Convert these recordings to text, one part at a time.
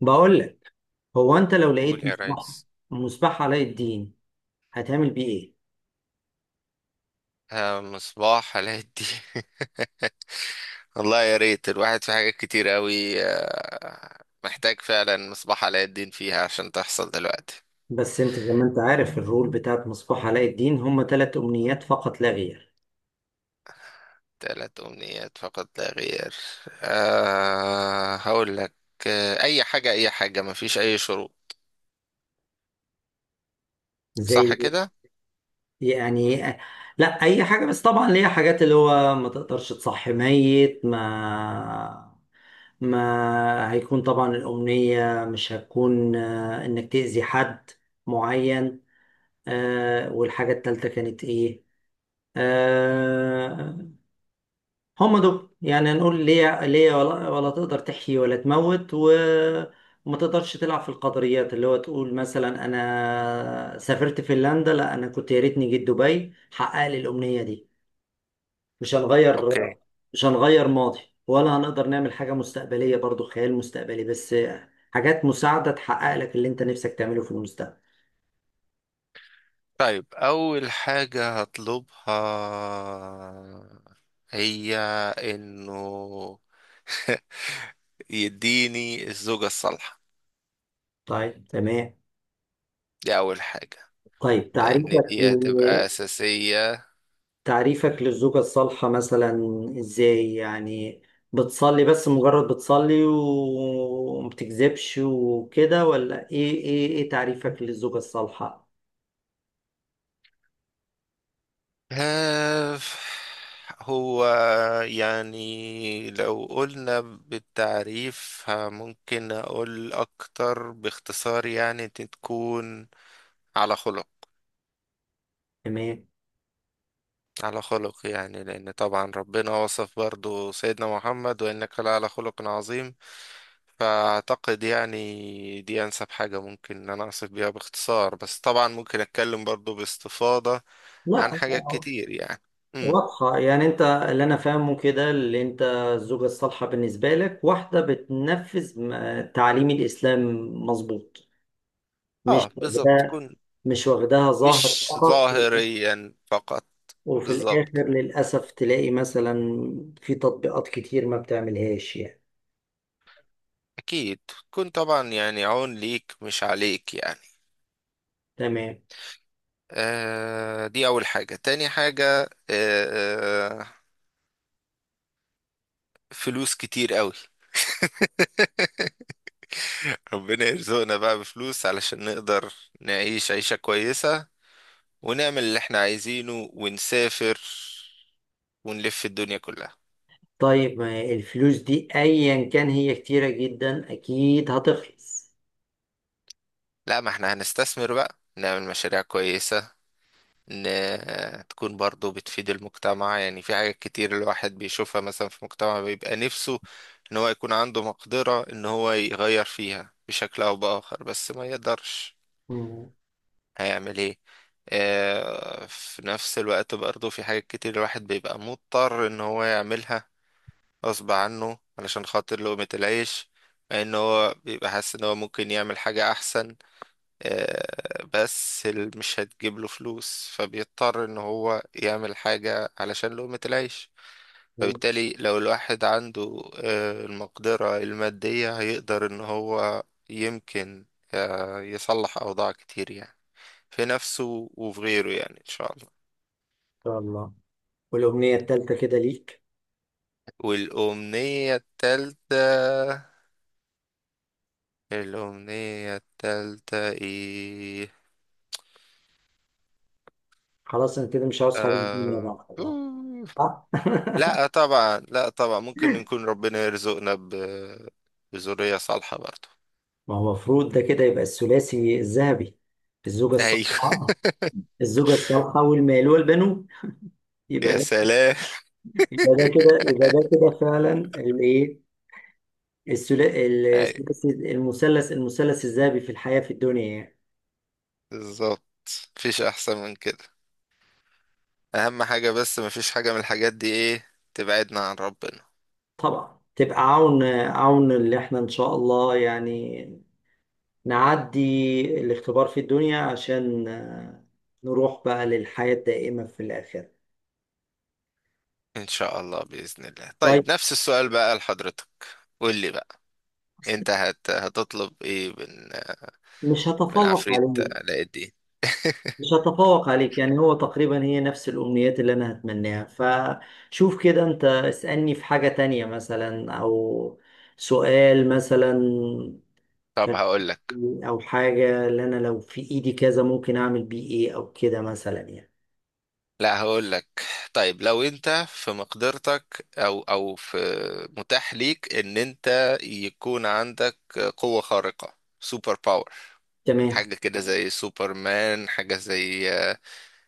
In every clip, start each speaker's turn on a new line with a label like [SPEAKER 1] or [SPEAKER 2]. [SPEAKER 1] بقول لك. هو انت لو لقيت
[SPEAKER 2] قول يا
[SPEAKER 1] مصباح،
[SPEAKER 2] ريس.
[SPEAKER 1] مصباح علاء الدين، هتعمل بيه ايه؟
[SPEAKER 2] آه، مصباح علاء الدين. والله يا ريت الواحد في حاجات كتير قوي، محتاج فعلا مصباح علاء الدين فيها عشان تحصل دلوقتي.
[SPEAKER 1] بس انت زي ما انت عارف، الرول بتاعت مصباح علاء الدين هم ثلاث امنيات فقط لا غير.
[SPEAKER 2] 3 أمنيات فقط لا غير. أه، هقول لك. آه، أي حاجة، أي حاجة، مفيش أي شروط. صح
[SPEAKER 1] زي
[SPEAKER 2] كده؟
[SPEAKER 1] يعني لا، اي حاجه، بس طبعا ليها حاجات اللي هو ما تقدرش تصحي ميت. ما هيكون طبعا الامنيه مش هتكون، انك تاذي حد معين. والحاجه الثالثه كانت ايه؟ آه هم دول. يعني نقول ليه، ولا تقدر تحيي ولا تموت، وما تقدرش تلعب في القدريات، اللي هو تقول مثلا انا سافرت فنلندا، لا انا كنت يا ريتني جيت دبي حقق لي الامنيه دي. مش هنغير
[SPEAKER 2] أوكي.
[SPEAKER 1] مش هنغير ماضي، ولا هنقدر نعمل حاجه مستقبليه، برضو خيال مستقبلي بس. حاجات مساعده تحقق لك اللي انت نفسك تعمله في المستقبل.
[SPEAKER 2] طيب أول حاجة هطلبها هي إنه... يديني الزوجة الصالحة.
[SPEAKER 1] طيب تمام.
[SPEAKER 2] دي أول حاجة.
[SPEAKER 1] طيب
[SPEAKER 2] لأن
[SPEAKER 1] تعريفك
[SPEAKER 2] دي هتبقى أساسية.
[SPEAKER 1] تعريفك للزوجة الصالحة مثلا، ازاي يعني؟ بتصلي، بس مجرد بتصلي ومبتكذبش وكده، ولا ايه تعريفك للزوجة الصالحة؟
[SPEAKER 2] آه، هو يعني لو قلنا بالتعريف ممكن أقول أكتر باختصار، يعني تكون على خلق.
[SPEAKER 1] تمام.
[SPEAKER 2] على خلق، يعني لأن طبعا ربنا وصف برضو سيدنا محمد: وإنك لعلى خلق عظيم. فأعتقد يعني دي أنسب حاجة ممكن إن أنا أوصف بيها باختصار، بس طبعا ممكن أتكلم برضو باستفاضة عن
[SPEAKER 1] لا،
[SPEAKER 2] حاجات كتير يعني.
[SPEAKER 1] واضحة يعني. انت اللي انا فاهمه كده، اللي انت الزوجة الصالحة بالنسبة لك واحدة بتنفذ تعاليم الاسلام. مظبوط. مش
[SPEAKER 2] اه، بالظبط،
[SPEAKER 1] واخداها
[SPEAKER 2] تكون
[SPEAKER 1] مش واخداها ظاهر
[SPEAKER 2] مش
[SPEAKER 1] فقط،
[SPEAKER 2] ظاهريا فقط.
[SPEAKER 1] وفي
[SPEAKER 2] بالظبط.
[SPEAKER 1] الآخر للأسف تلاقي مثلا في تطبيقات كتير ما بتعملهاش يعني.
[SPEAKER 2] اكيد. تكون طبعا يعني عون ليك مش عليك يعني.
[SPEAKER 1] تمام.
[SPEAKER 2] آه، دي اول حاجة. تاني حاجة فلوس كتير قوي. ربنا يرزقنا بقى بفلوس علشان نقدر نعيش عيشة كويسة، ونعمل اللي احنا عايزينه، ونسافر، ونلف الدنيا كلها.
[SPEAKER 1] طيب، ما الفلوس دي أيا كان هي كتيرة جدا أكيد هتخلص.
[SPEAKER 2] لا، ما احنا هنستثمر بقى، نعمل مشاريع كويسة. ان تكون برضو بتفيد المجتمع، يعني في حاجات كتير الواحد بيشوفها مثلا في مجتمع، بيبقى نفسه ان هو يكون عنده مقدرة ان هو يغير فيها بشكل او باخر بس ما يقدرش.
[SPEAKER 1] مم.
[SPEAKER 2] هيعمل ايه؟ في نفس الوقت برضو في حاجات كتير الواحد بيبقى مضطر ان هو يعملها غصب عنه علشان خاطر لقمة العيش، مع ان هو بيبقى حاسس ان هو ممكن يعمل حاجة احسن، بس مش هتجيب له فلوس، فبيضطر ان هو يعمل حاجة علشان لقمة العيش.
[SPEAKER 1] إن
[SPEAKER 2] فبالتالي لو الواحد عنده المقدرة المادية، هيقدر ان هو يمكن يصلح اوضاع كتير، يعني في نفسه وفي غيره، يعني ان شاء الله.
[SPEAKER 1] شاء الله. والأمنية التالتة كده ليك.
[SPEAKER 2] والأمنية التالتة. الأمنية التالتة ايه؟
[SPEAKER 1] خلاص أنا كده مش عاوز حاجة من الدنيا
[SPEAKER 2] آه...
[SPEAKER 1] بقى والله. صح؟
[SPEAKER 2] لا طبعا، لا طبعا، ممكن نكون ربنا يرزقنا بذرية صالحة برضو.
[SPEAKER 1] ما هو المفروض ده كده يبقى الثلاثي الذهبي. الزوجة
[SPEAKER 2] ايوه.
[SPEAKER 1] الصالحة، الزوجة الصالحة والمال والبنون. يبقى
[SPEAKER 2] يا
[SPEAKER 1] ده،
[SPEAKER 2] سلام.
[SPEAKER 1] يبقى ده كده، يبقى ده كده فعلا الإيه،
[SPEAKER 2] ايوه،
[SPEAKER 1] المثلث الذهبي في الحياة، في الدنيا يعني.
[SPEAKER 2] بالظبط. مفيش احسن من كده. اهم حاجة بس مفيش حاجة من الحاجات دي ايه تبعدنا عن ربنا.
[SPEAKER 1] طبعا تبقى عون اللي احنا ان شاء الله يعني نعدي الاختبار في الدنيا عشان نروح بقى للحياة الدائمة في الآخرة.
[SPEAKER 2] ان شاء الله، بإذن الله.
[SPEAKER 1] طيب.
[SPEAKER 2] طيب نفس السؤال بقى لحضرتك. قول لي بقى.
[SPEAKER 1] أصل
[SPEAKER 2] انت هتطلب ايه من
[SPEAKER 1] مش
[SPEAKER 2] من
[SPEAKER 1] هتفوق
[SPEAKER 2] عفريت
[SPEAKER 1] عليك
[SPEAKER 2] علاء الدين؟
[SPEAKER 1] مش هتفوق عليك، يعني هو تقريبا هي نفس الأمنيات اللي أنا هتمناها. فشوف كده، أنت اسألني في حاجة تانية مثلا، أو سؤال مثلا.
[SPEAKER 2] طب
[SPEAKER 1] فن-
[SPEAKER 2] هقول لك.
[SPEAKER 1] او حاجة اللي انا لو في ايدي كذا ممكن اعمل بيه ايه، او كده مثلا يعني.
[SPEAKER 2] لا، هقول لك. طيب لو انت في مقدرتك، او في متاح ليك ان انت يكون عندك قوة خارقة، سوبر باور،
[SPEAKER 1] تمام.
[SPEAKER 2] حاجة كده زي سوبر مان، حاجة زي آه،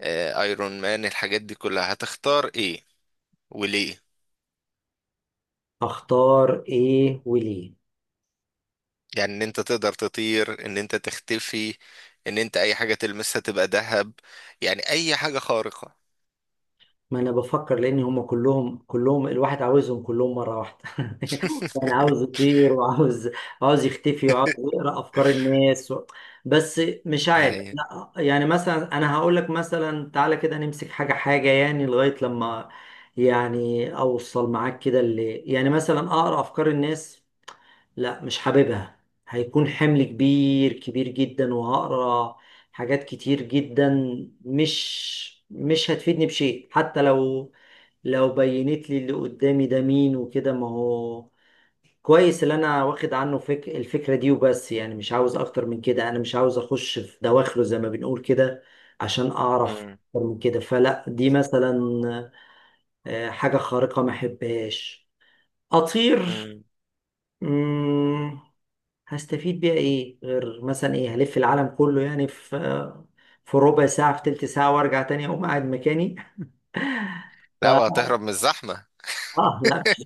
[SPEAKER 2] آه، ايرون مان، الحاجات دي كلها، هتختار ايه وليه؟
[SPEAKER 1] اختار ايه وليه؟
[SPEAKER 2] يعني ان انت تقدر تطير، ان انت تختفي، ان انت اي حاجة تلمسها تبقى ذهب، يعني اي حاجة خارقة.
[SPEAKER 1] ما انا بفكر، لان هم كلهم الواحد عاوزهم كلهم مرة واحدة. يعني عاوز يطير، وعاوز، عاوز يختفي، وعاوز يقرأ افكار الناس و... بس مش عارف.
[SPEAKER 2] هاي.
[SPEAKER 1] لا، يعني مثلا انا هقول لك مثلا، تعالى كده نمسك حاجة حاجة، يعني لغاية لما يعني اوصل معاك كده، اللي يعني مثلا اقرا افكار الناس. لا، مش حاببها. هيكون حمل كبير كبير جدا، وهقرا حاجات كتير جدا، مش هتفيدني بشيء. حتى لو بينت لي اللي قدامي ده مين وكده، ما هو كويس اللي انا واخد عنه الفكرة دي وبس يعني. مش عاوز اكتر من كده. انا مش عاوز اخش في دواخله زي ما بنقول كده عشان اعرف
[SPEAKER 2] مم.
[SPEAKER 1] اكتر من كده. فلا، دي مثلا، حاجة خارقة ما احبهاش. اطير؟
[SPEAKER 2] مم.
[SPEAKER 1] مم، هستفيد بيها ايه، غير مثلا ايه، هلف العالم كله يعني، في ربع ساعة، في تلت ساعة، وارجع تاني اقوم قاعد مكاني.
[SPEAKER 2] لا،
[SPEAKER 1] ف،
[SPEAKER 2] وهتهرب من الزحمة.
[SPEAKER 1] اه، لا مش.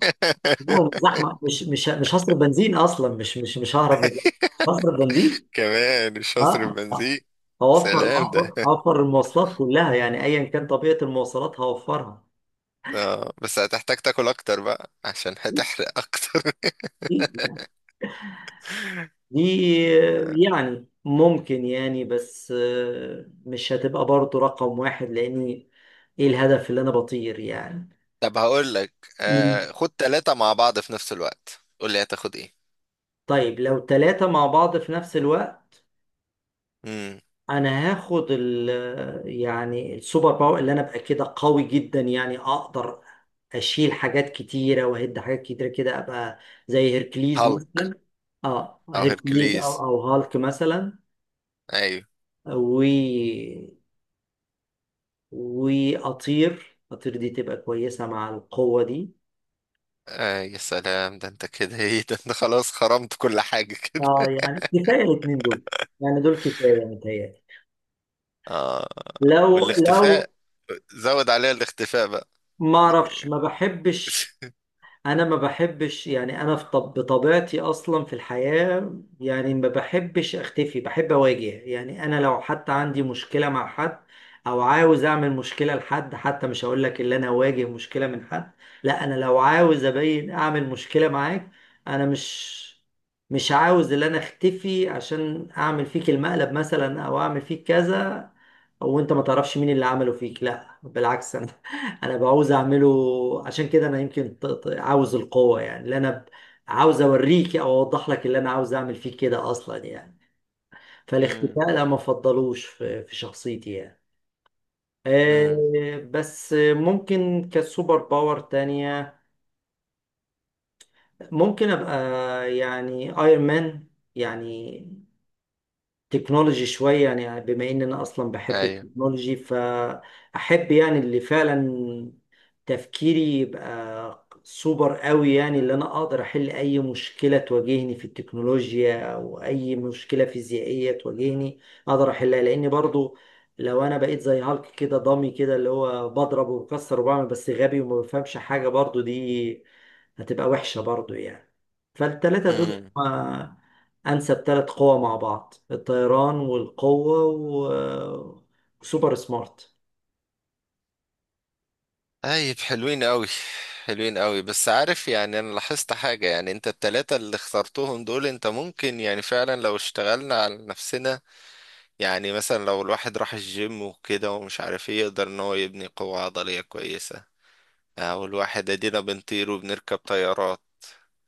[SPEAKER 1] لا، الزحمة، مش هصرف بنزين اصلا، مش ههرب من الزحمة. مش هصرف بنزين.
[SPEAKER 2] كمان مش
[SPEAKER 1] اه،
[SPEAKER 2] هصرف
[SPEAKER 1] آه. آه.
[SPEAKER 2] بنزين.
[SPEAKER 1] اوفر
[SPEAKER 2] سلام ده.
[SPEAKER 1] اوفر اوفر المواصلات كلها يعني، ايا كان طبيعة المواصلات هوفرها.
[SPEAKER 2] اه، بس هتحتاج تاكل اكتر بقى عشان هتحرق اكتر.
[SPEAKER 1] دي يعني ممكن يعني، بس مش هتبقى برضه رقم واحد، لاني ايه الهدف اللي انا بطير يعني؟
[SPEAKER 2] طب هقول لك،
[SPEAKER 1] مم.
[SPEAKER 2] خد ثلاثة مع بعض في نفس الوقت، قول لي هتاخد ايه.
[SPEAKER 1] طيب لو ثلاثة مع بعض في نفس الوقت،
[SPEAKER 2] امم.
[SPEAKER 1] أنا هاخد ال، يعني السوبر باور، اللي أنا أبقى كده قوي جدا، يعني أقدر أشيل حاجات كتيرة وأهد حاجات كتيرة كده، أبقى زي هيركليز
[SPEAKER 2] هالك.
[SPEAKER 1] مثلا. أه،
[SPEAKER 2] او
[SPEAKER 1] هيركليز أو
[SPEAKER 2] هيركليز.
[SPEAKER 1] أو هالك مثلا.
[SPEAKER 2] ايوه.
[SPEAKER 1] و وأطير. أطير دي تبقى كويسة مع القوة دي.
[SPEAKER 2] آه يا سلام، ده انت كده ايه، ده انت خلاص خرمت كل حاجة
[SPEAKER 1] أه
[SPEAKER 2] كده.
[SPEAKER 1] يعني كفاية الاتنين دول، يعني دول كفاية متهيألي.
[SPEAKER 2] اه،
[SPEAKER 1] لو لو
[SPEAKER 2] والاختفاء، زود عليها الاختفاء بقى.
[SPEAKER 1] ما أعرفش، ما بحبش. انا ما بحبش يعني، انا في طب بطبيعتي اصلا في الحياة يعني ما بحبش اختفي، بحب اواجه يعني. انا لو حتى عندي مشكلة مع حد، او عاوز اعمل مشكلة لحد، حتى مش هقول لك اللي انا اواجه مشكلة من حد. لا، انا لو عاوز ابين اعمل مشكلة معاك، انا مش عاوز اللي انا اختفي عشان اعمل فيك المقلب مثلا او اعمل فيك كذا وانت ما تعرفش مين اللي عمله فيك. لا بالعكس، انا، انا بعوز اعمله. عشان كده انا يمكن عاوز القوه، يعني اللي انا عاوز اوريك او اوضح لك اللي انا عاوز اعمل فيك كده اصلا يعني.
[SPEAKER 2] امم.
[SPEAKER 1] فالاختفاء لا، ما افضلوش في شخصيتي يعني.
[SPEAKER 2] امم.
[SPEAKER 1] بس ممكن كسوبر باور تانية، ممكن ابقى يعني ايرون مان، يعني تكنولوجي شوية يعني. بما إن أنا أصلا بحب التكنولوجي، فأحب يعني اللي فعلا تفكيري يبقى سوبر قوي، يعني اللي أنا أقدر أحل أي مشكلة تواجهني في التكنولوجيا أو أي مشكلة فيزيائية تواجهني أقدر أحلها. لأن برضو لو أنا بقيت زي هالك كده، ضامي كده، اللي هو بضرب وبكسر وبعمل بس غبي وما بفهمش حاجة، برضو دي هتبقى وحشة برضو يعني. فالتلاتة دول
[SPEAKER 2] ايوه.
[SPEAKER 1] انسب ثلاث قوى مع بعض: الطيران والقوة، وسوبر سمارت.
[SPEAKER 2] طيب حلوين قوي. حلوين قوي، بس عارف يعني انا لاحظت حاجة، يعني انت التلاتة اللي اخترتهم دول، انت ممكن يعني فعلا لو اشتغلنا على نفسنا. يعني مثلا لو الواحد راح الجيم وكده ومش عارف ايه، يقدر ان هو يبني قوة عضلية كويسة. او الواحد ادينا بنطير وبنركب طيارات.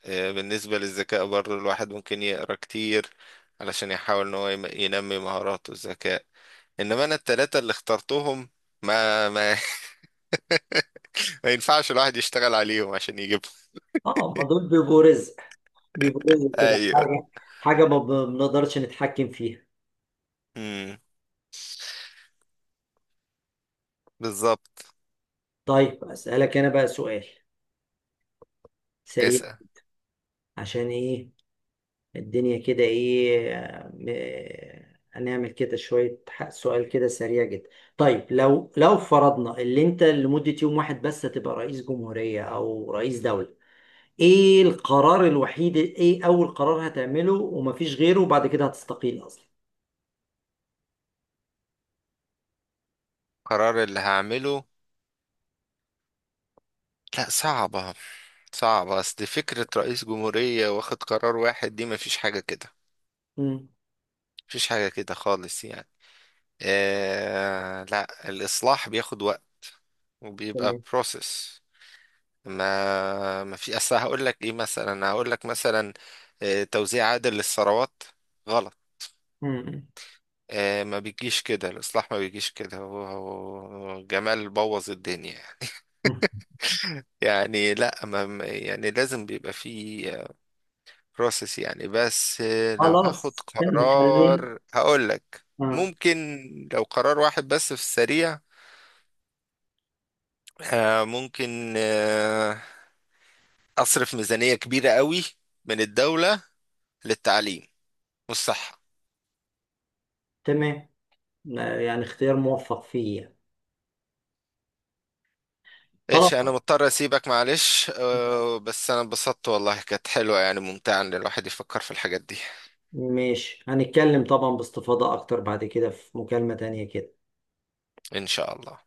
[SPEAKER 2] بالنسبة للذكاء برضه الواحد ممكن يقرا كتير علشان يحاول ان هو ينمي مهاراته، الذكاء. انما انا التلاتة اللي اخترتهم، ما ما ينفعش الواحد يشتغل عليهم عشان يجيبهم.
[SPEAKER 1] اه، ما دول بيبقوا رزق كده،
[SPEAKER 2] ايوه.
[SPEAKER 1] حاجة ما بنقدرش نتحكم فيها.
[SPEAKER 2] امم. بالظبط.
[SPEAKER 1] طيب اسألك انا بقى سؤال سريع.
[SPEAKER 2] اسأل.
[SPEAKER 1] عشان ايه الدنيا كده، ايه هنعمل كده شوية، سؤال كده سريع جدا. طيب لو فرضنا اللي انت لمدة يوم واحد بس هتبقى رئيس جمهورية او رئيس دولة، ايه القرار الوحيد، ايه اول قرار هتعمله ومفيش غيره وبعد كده هتستقيل اصلا؟
[SPEAKER 2] قرار اللي هعمله؟ لا، صعبة. صعبة، اصل فكرة رئيس جمهورية واخد قرار واحد دي مفيش حاجة كده.
[SPEAKER 1] امم.
[SPEAKER 2] مفيش حاجة كده خالص يعني. آه لا، الإصلاح بياخد وقت، وبيبقى
[SPEAKER 1] تمام.
[SPEAKER 2] بروسيس. ما في اصل، هقول لك ايه مثلا، هقول لك مثلا توزيع عادل للثروات، غلط.
[SPEAKER 1] امم.
[SPEAKER 2] آه، ما بيجيش كده الإصلاح، ما بيجيش كده. هو جمال بوظ الدنيا يعني.
[SPEAKER 1] أمم.
[SPEAKER 2] يعني لا، يعني لازم بيبقى فيه بروسيس يعني. بس لو هاخد
[SPEAKER 1] خلاص نخليه.
[SPEAKER 2] قرار هقول لك.
[SPEAKER 1] اه.
[SPEAKER 2] ممكن، لو قرار واحد بس في السريع، ممكن أصرف ميزانية كبيرة قوي من الدولة للتعليم والصحة.
[SPEAKER 1] تمام. يعني اختيار موفق فيه يعني. خلاص،
[SPEAKER 2] ايش، انا مضطر اسيبك معلش. بس انا انبسطت والله، كانت حلوة يعني، ممتعة ان الواحد يفكر في الحاجات دي.
[SPEAKER 1] ماشي، هنتكلم طبعا باستفاضة اكتر بعد كده في مكالمة تانية كده.
[SPEAKER 2] ان شاء الله.